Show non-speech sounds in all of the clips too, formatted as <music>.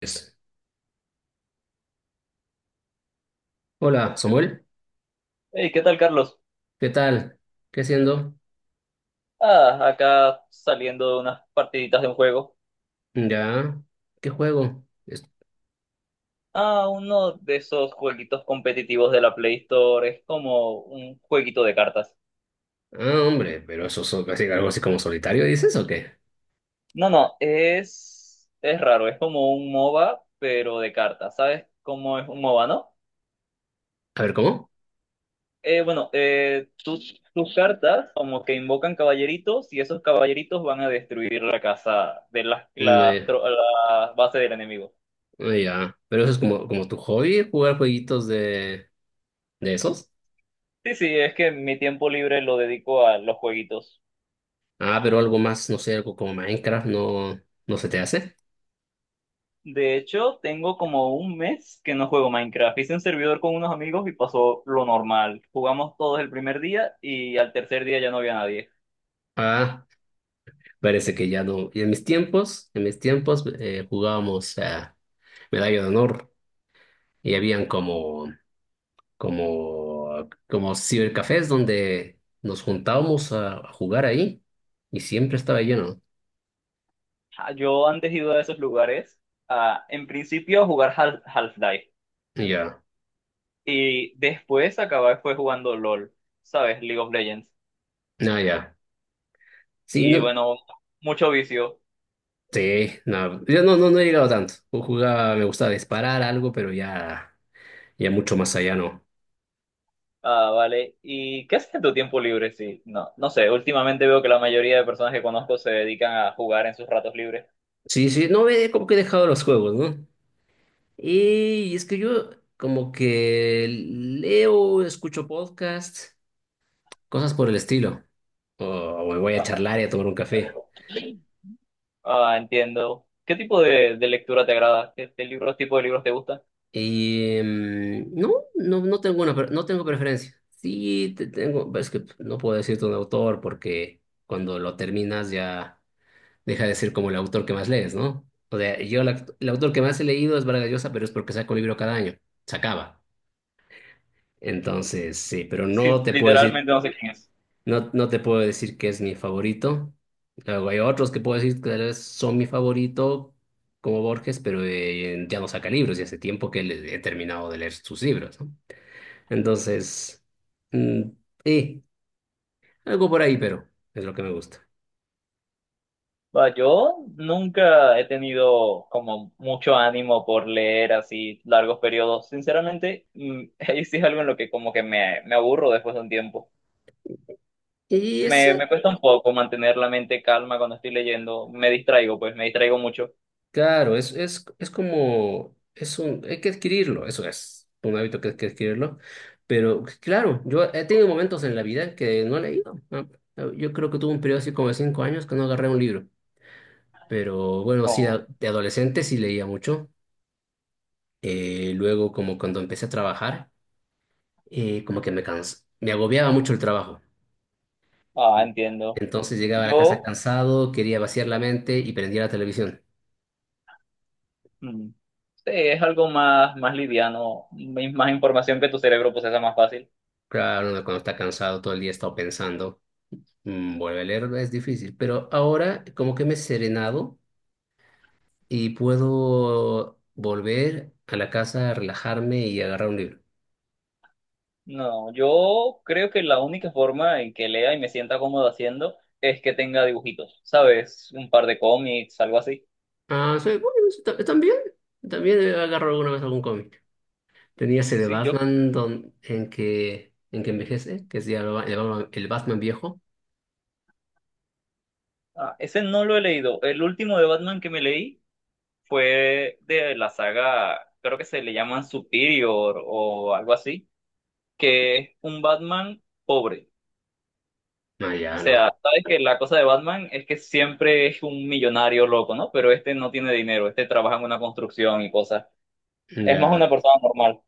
Es- Hola, Samuel. Hey, ¿qué tal, Carlos? ¿Qué tal? ¿Qué haciendo? Ah, acá saliendo de unas partiditas de un juego. Ya. ¿Qué juego? Ah, uno de esos jueguitos competitivos de la Play Store. Es como un jueguito de cartas. Ah, hombre, pero eso es casi algo así como solitario, ¿dices o qué? No, no, es raro. Es como un MOBA, pero de cartas. ¿Sabes cómo es un MOBA, no? A ver, ¿cómo? Bueno, tus cartas como que invocan caballeritos y esos caballeritos van a destruir la casa de Mm, eh, la base del enemigo. ah, ya. Pero eso es como, como tu hobby, jugar jueguitos de esos. Sí, sí, es que mi tiempo libre lo dedico a los jueguitos. Ah, pero algo más, no sé, algo como Minecraft, no se te hace. De hecho, tengo como un mes que no juego Minecraft. Hice un servidor con unos amigos y pasó lo normal. Jugamos todos el primer día y al tercer día ya no había nadie. Ah, parece que ya no. Y en mis tiempos jugábamos a Medalla de Honor y habían como como cibercafés donde nos juntábamos a jugar ahí y siempre estaba lleno. Ah, yo antes he ido a esos lugares, en principio a jugar Half-Life Ya, y después acabé fue jugando LOL, ¿sabes? League of Legends. no, ya. Sí, Y no, bueno, mucho vicio. sí, no, yo no he llegado tanto. Yo jugaba, me gustaba disparar algo, pero ya, ya mucho más allá no. Ah, vale. ¿Y qué haces en tu tiempo libre? Sí, no, no sé. Últimamente veo que la mayoría de personas que conozco se dedican a jugar en sus ratos libres. Sí, sí, no, como que he dejado los juegos, ¿no? Y es que yo como que leo, escucho podcasts, cosas por el estilo. O me voy a charlar y a tomar un café. Ah, entiendo. ¿Qué tipo de lectura te agrada? ¿Qué libros, tipo de libros te gustan? No, no tengo una, no tengo preferencia. Sí, te tengo, es que no puedo decirte un autor porque cuando lo terminas ya deja de ser como el autor que más lees, ¿no? O sea, el autor que más he leído es Vargas Llosa, pero es porque saco un libro cada año, se acaba. Entonces, sí, pero no Sí, te puedo decir, literalmente no sé quién es. no, no te puedo decir que es mi favorito. Luego hay otros que puedo decir que tal vez son mi favorito, como Borges, pero ya no saca libros y hace tiempo que he terminado de leer sus libros, ¿no? Entonces, mm, eh, algo por ahí, pero es lo que me gusta. Va, yo nunca he tenido como mucho ánimo por leer así largos periodos. Sinceramente, <laughs> ahí sí es algo en lo que como que me aburro después de un tiempo. Y Me, esa, me cuesta un poco mantener la mente calma cuando estoy leyendo. Me distraigo, pues me distraigo mucho. claro, es como, hay que adquirirlo, eso es un hábito que hay que adquirirlo. Pero claro, yo he tenido momentos en la vida que no he leído, ¿no? Yo creo que tuve un periodo así como de 5 años que no agarré un libro. Pero bueno, sí, No. De adolescente sí leía mucho. Luego, como cuando empecé a trabajar, como que me cansé, me agobiaba mucho el trabajo. Ah, entiendo. Entonces llegaba a la casa Yo, cansado, quería vaciar la mente y prendía la televisión. mm, sí, es algo más, liviano, más información que tu cerebro procesa más fácil. Claro, uno cuando está cansado todo el día está pensando, vuelve a leer, es difícil. Pero ahora como que me he serenado y puedo volver a la casa, relajarme y agarrar un libro. No, yo creo que la única forma en que lea y me sienta cómodo haciendo es que tenga dibujitos, ¿sabes? Un par de cómics, algo así. Ah, sí, bueno, sí, también agarro alguna vez algún cómic. Tenía ese de Sí, Batman en que envejece, que es ya el Batman viejo. Ese no lo he leído. El último de Batman que me leí fue de la saga, creo que se le llaman Superior o algo así, que es un Batman pobre. No, O ya sea, no, sabes que la cosa de Batman es que siempre es un millonario loco, ¿no? Pero este no tiene dinero, este trabaja en una construcción y cosas. Es más una ya. persona normal.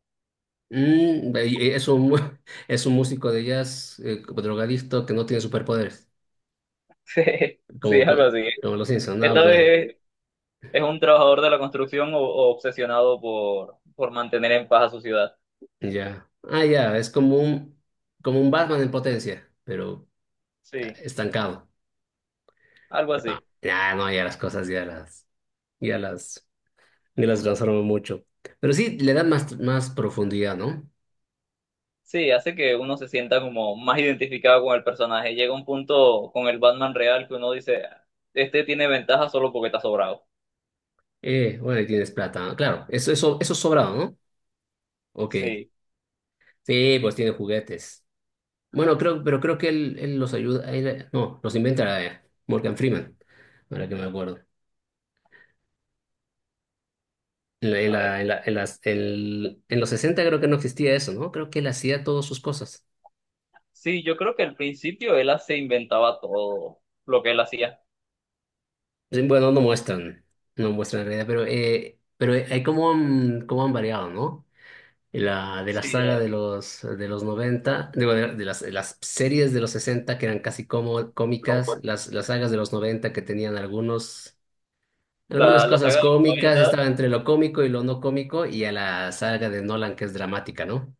Mm, y es un, <laughs> es un músico de jazz como drogadicto que no tiene superpoderes, Sí, sí, como, algo así. como, los Simpson, no, Esta pues, vez es, un trabajador de la construcción o, obsesionado por mantener en paz a su ciudad. ya. Ah, ya, es como un Batman en potencia, pero ah, Sí, estancado. algo Ah, así. ya, no, ya las cosas ya las, ya las transformó mucho. Pero sí, le dan más, más profundidad, ¿no? Sí, hace que uno se sienta como más identificado con el personaje. Llega un punto con el Batman real que uno dice, este tiene ventaja solo porque está sobrado. Bueno, y tienes plata, ¿no? Claro, eso es sobrado, ¿no? Ok, Sí, sí, pues tiene juguetes. Bueno, creo, pero creo que él los ayuda, no, los inventa, Morgan Freeman, ahora que me acuerdo. En, la- en, a la- ver. en la- en las- el- En los 60 creo que no existía eso, ¿no? Creo que él hacía todas sus cosas. Sí, yo creo que al principio él se inventaba todo lo que él hacía. Sí, bueno, no muestran, no muestran en realidad, pero hay cómo han variado, ¿no? De la Sí, saga de los 90, digo, de las series de los 60 que eran casi como, cómicas, las sagas de los 90 que tenían algunos. Algunas la cosas saga de la. cómicas, estaba entre lo cómico y lo no cómico, y a la saga de Nolan que es dramática, ¿no?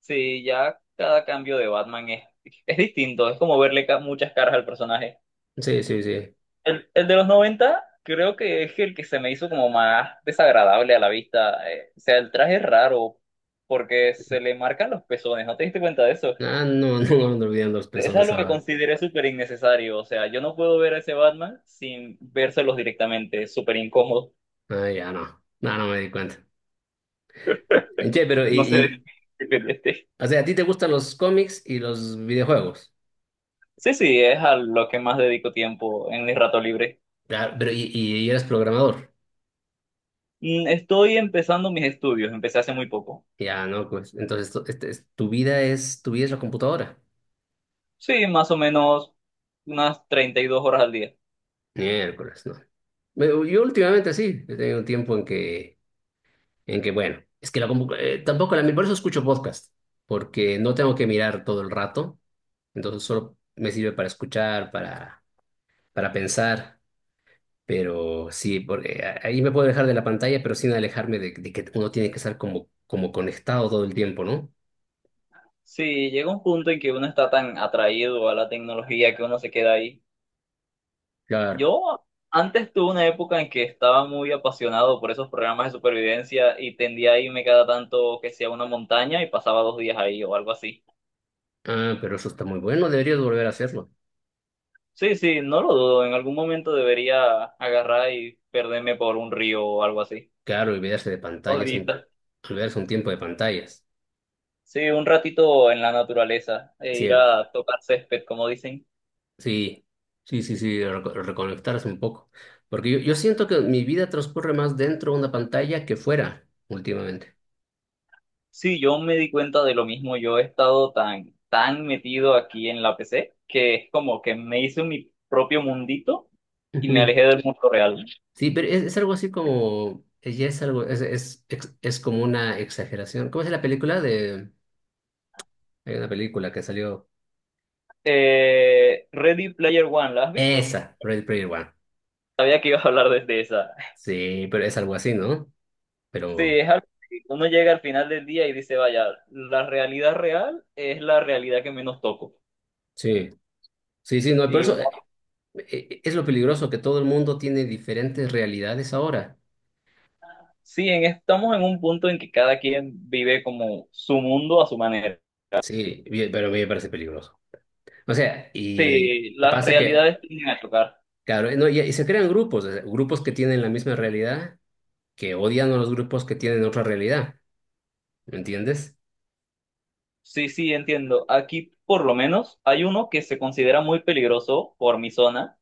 Sí, ya cada cambio de Batman es distinto, es como verle muchas caras al personaje. Sí, sí, sí. El de los 90 creo que es el que se me hizo como más desagradable a la vista. O sea, el traje es raro porque se le marcan los pezones, ¿no te diste cuenta de eso? Ah, no, <laughs> no no olvidando los Es personas algo que ahora. consideré súper innecesario, o sea, yo no puedo ver a ese Batman sin vérselos directamente, es súper incómodo. Ah, ya no. No, no me di cuenta. Che, No sé, <laughs> este, o sea, ¿a ti te gustan los cómics y los videojuegos? sí, sí, es a lo que más dedico tiempo en mi rato libre. Claro, y eres programador. Estoy empezando mis estudios, empecé hace muy poco. Ya, no, pues. Entonces, tu, tu vida es la computadora. Sí, más o menos unas 32 horas al día. Miércoles, no. Yo últimamente sí, he tenido un tiempo en que en que, bueno, es que la tampoco la... Por eso escucho podcast, porque no tengo que mirar todo el rato, entonces solo me sirve para escuchar, para pensar, pero sí, porque ahí me puedo dejar de la pantalla, pero sin alejarme de que uno tiene que estar como, como conectado todo el tiempo, ¿no? Sí, llega un punto en que uno está tan atraído a la tecnología que uno se queda ahí. Claro. Yo antes tuve una época en que estaba muy apasionado por esos programas de supervivencia y tendía a irme cada tanto que sea a una montaña y pasaba 2 días ahí o algo así. Ah, pero eso está muy bueno, deberías volver a hacerlo. Sí, sí, no lo dudo, en algún momento debería agarrar y perderme por un río o algo así. Claro, olvidarse de pantallas, un, Odita. olvidarse un tiempo de pantallas. Sí, un ratito en la naturaleza e Sí, ir a tocar césped, como dicen. sí, sí, sí, sí, reconectarse un poco. Porque yo siento que mi vida transcurre más dentro de una pantalla que fuera últimamente. Sí, yo me di cuenta de lo mismo. Yo he estado tan, tan metido aquí en la PC que es como que me hice mi propio mundito y me Ujú. alejé del mundo real. Sí, pero es algo así como, ya es algo, es como una exageración. ¿Cómo es la película de, hay una película que salió, Ready Player One, ¿la has visto? esa, Ready Player One. Sabía que ibas a hablar desde esa. Sí, pero es algo así, ¿no? Sí, Pero es algo que uno llega al final del día y dice, vaya, la realidad real es la realidad que menos toco. sí, sí, sí, no, pero Y eso es lo peligroso, que todo el mundo tiene diferentes realidades ahora. Sí, estamos en un punto en que cada quien vive como su mundo a su manera. Sí, bien, pero a mí me parece peligroso. O sea, y Sí, las pasa que, realidades tienden a tocar. claro, no, y se crean grupos, o sea, grupos que tienen la misma realidad, que odian a los grupos que tienen otra realidad, ¿me entiendes? Sí, sí, entiendo. Aquí, por lo menos, hay uno que se considera muy peligroso por mi zona,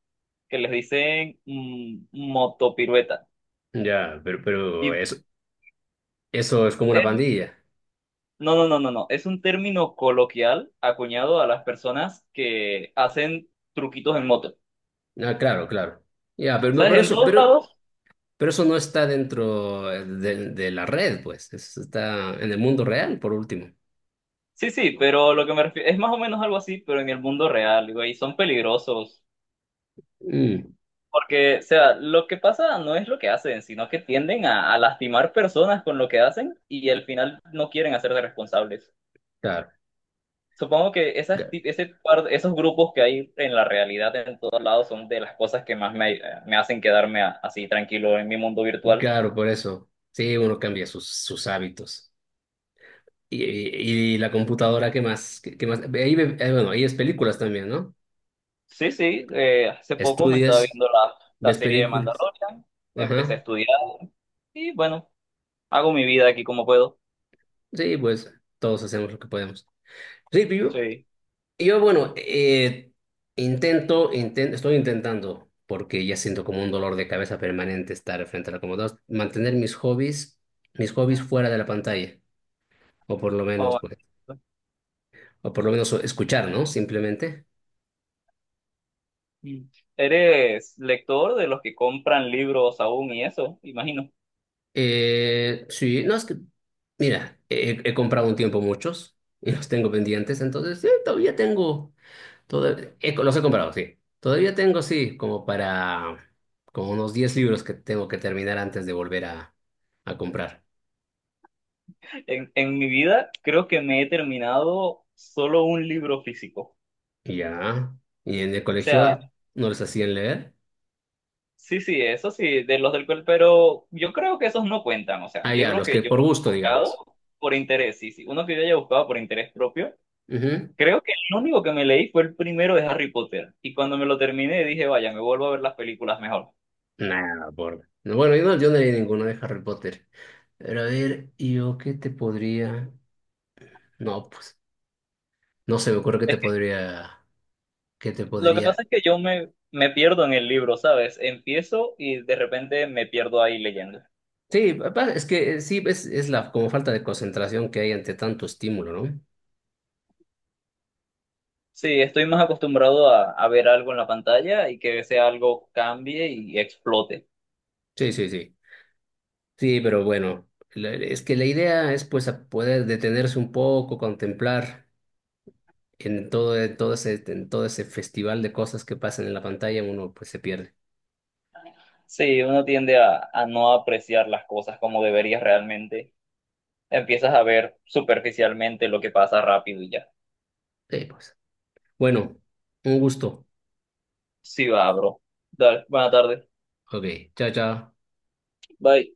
que les dicen motopirueta. Ya, Y eso es como una es- pandilla. no, no, no, no, no. Es un término coloquial acuñado a las personas que hacen truquitos en moto. Ah, claro, claro. Ya, pero, no, ¿Sabes? En todos lados. pero eso no está dentro de la red, pues, eso está en el mundo real, por último. Sí, sí, pero lo que me refiero es más o menos algo así, pero en el mundo real, güey, son peligrosos. Mm, Porque, o sea, lo que pasa no es lo que hacen, sino que tienden a lastimar personas con lo que hacen y al final no quieren hacerse responsables. claro, Supongo que esas, ca- ti- ese par- esos grupos que hay en la realidad en todos lados son de las cosas que más me hacen quedarme así tranquilo en mi mundo virtual. claro, por eso. Sí, uno cambia sus, sus hábitos. La computadora, ¿qué más? ¿Qué, qué más? Ahí, bueno, ahí es películas también, ¿no? Sí, sí, hace poco me estaba Estudias, viendo la ves serie de películas. Mandalorian, empecé a Ajá. estudiar y bueno, hago mi vida aquí como puedo. Sí, pues todos hacemos lo que podemos. Sí, yo, Sí. yo bueno, intento, estoy intentando, porque ya siento como un dolor de cabeza permanente estar frente a la computadora, mantener mis hobbies fuera de la pantalla, o por lo menos, Oh. pues, o por lo menos escuchar, ¿no? Simplemente. Mm. ¿Eres lector de los que compran libros aún y eso? Imagino. Sí, no es que, mira, he comprado un tiempo muchos y los tengo pendientes, entonces todavía tengo, los he comprado, sí. Todavía tengo, sí, como para, como unos 10 libros que tengo que terminar antes de volver a comprar. En mi vida creo que me he terminado solo un libro físico. O Y ya, y en el sea, bueno, colegio no les hacían leer. sí, sí, eso sí, de los del cual, pero yo creo que esos no cuentan. O sea, Ah, ya, libros los que que yo he por gusto, buscado digamos. por interés, sí, sí. Uno que yo haya buscado por interés propio. Ujú. Creo que el único que me leí fue el primero de Harry Potter. Y cuando me lo terminé dije, vaya, me vuelvo a ver las películas mejor. Nada, por... no, bueno, yo no, yo no leí ninguno de Harry Potter. Pero a ver, ¿yo qué te podría...? No, pues... No se me ocurre que te podría, que te Lo que podría. pasa es que yo me pierdo en el libro, ¿sabes? Empiezo y de repente me pierdo ahí leyendo. Sí, es que sí, es la como falta de concentración que hay ante tanto estímulo, ¿no? Sí, estoy más acostumbrado a ver algo en la pantalla y que ese algo cambie y explote. Sí, sí, sí. Sí, pero bueno, es que la idea es pues a poder detenerse un poco, contemplar en todo ese festival de cosas que pasan en la pantalla, uno pues se pierde. Sí, uno tiende a no apreciar las cosas como deberías realmente. Empiezas a ver superficialmente lo que pasa rápido y ya. Sí, pues. Bueno, un gusto. Sí, va, bro. Dale, buena tarde. Ok, chao, chao. Bye.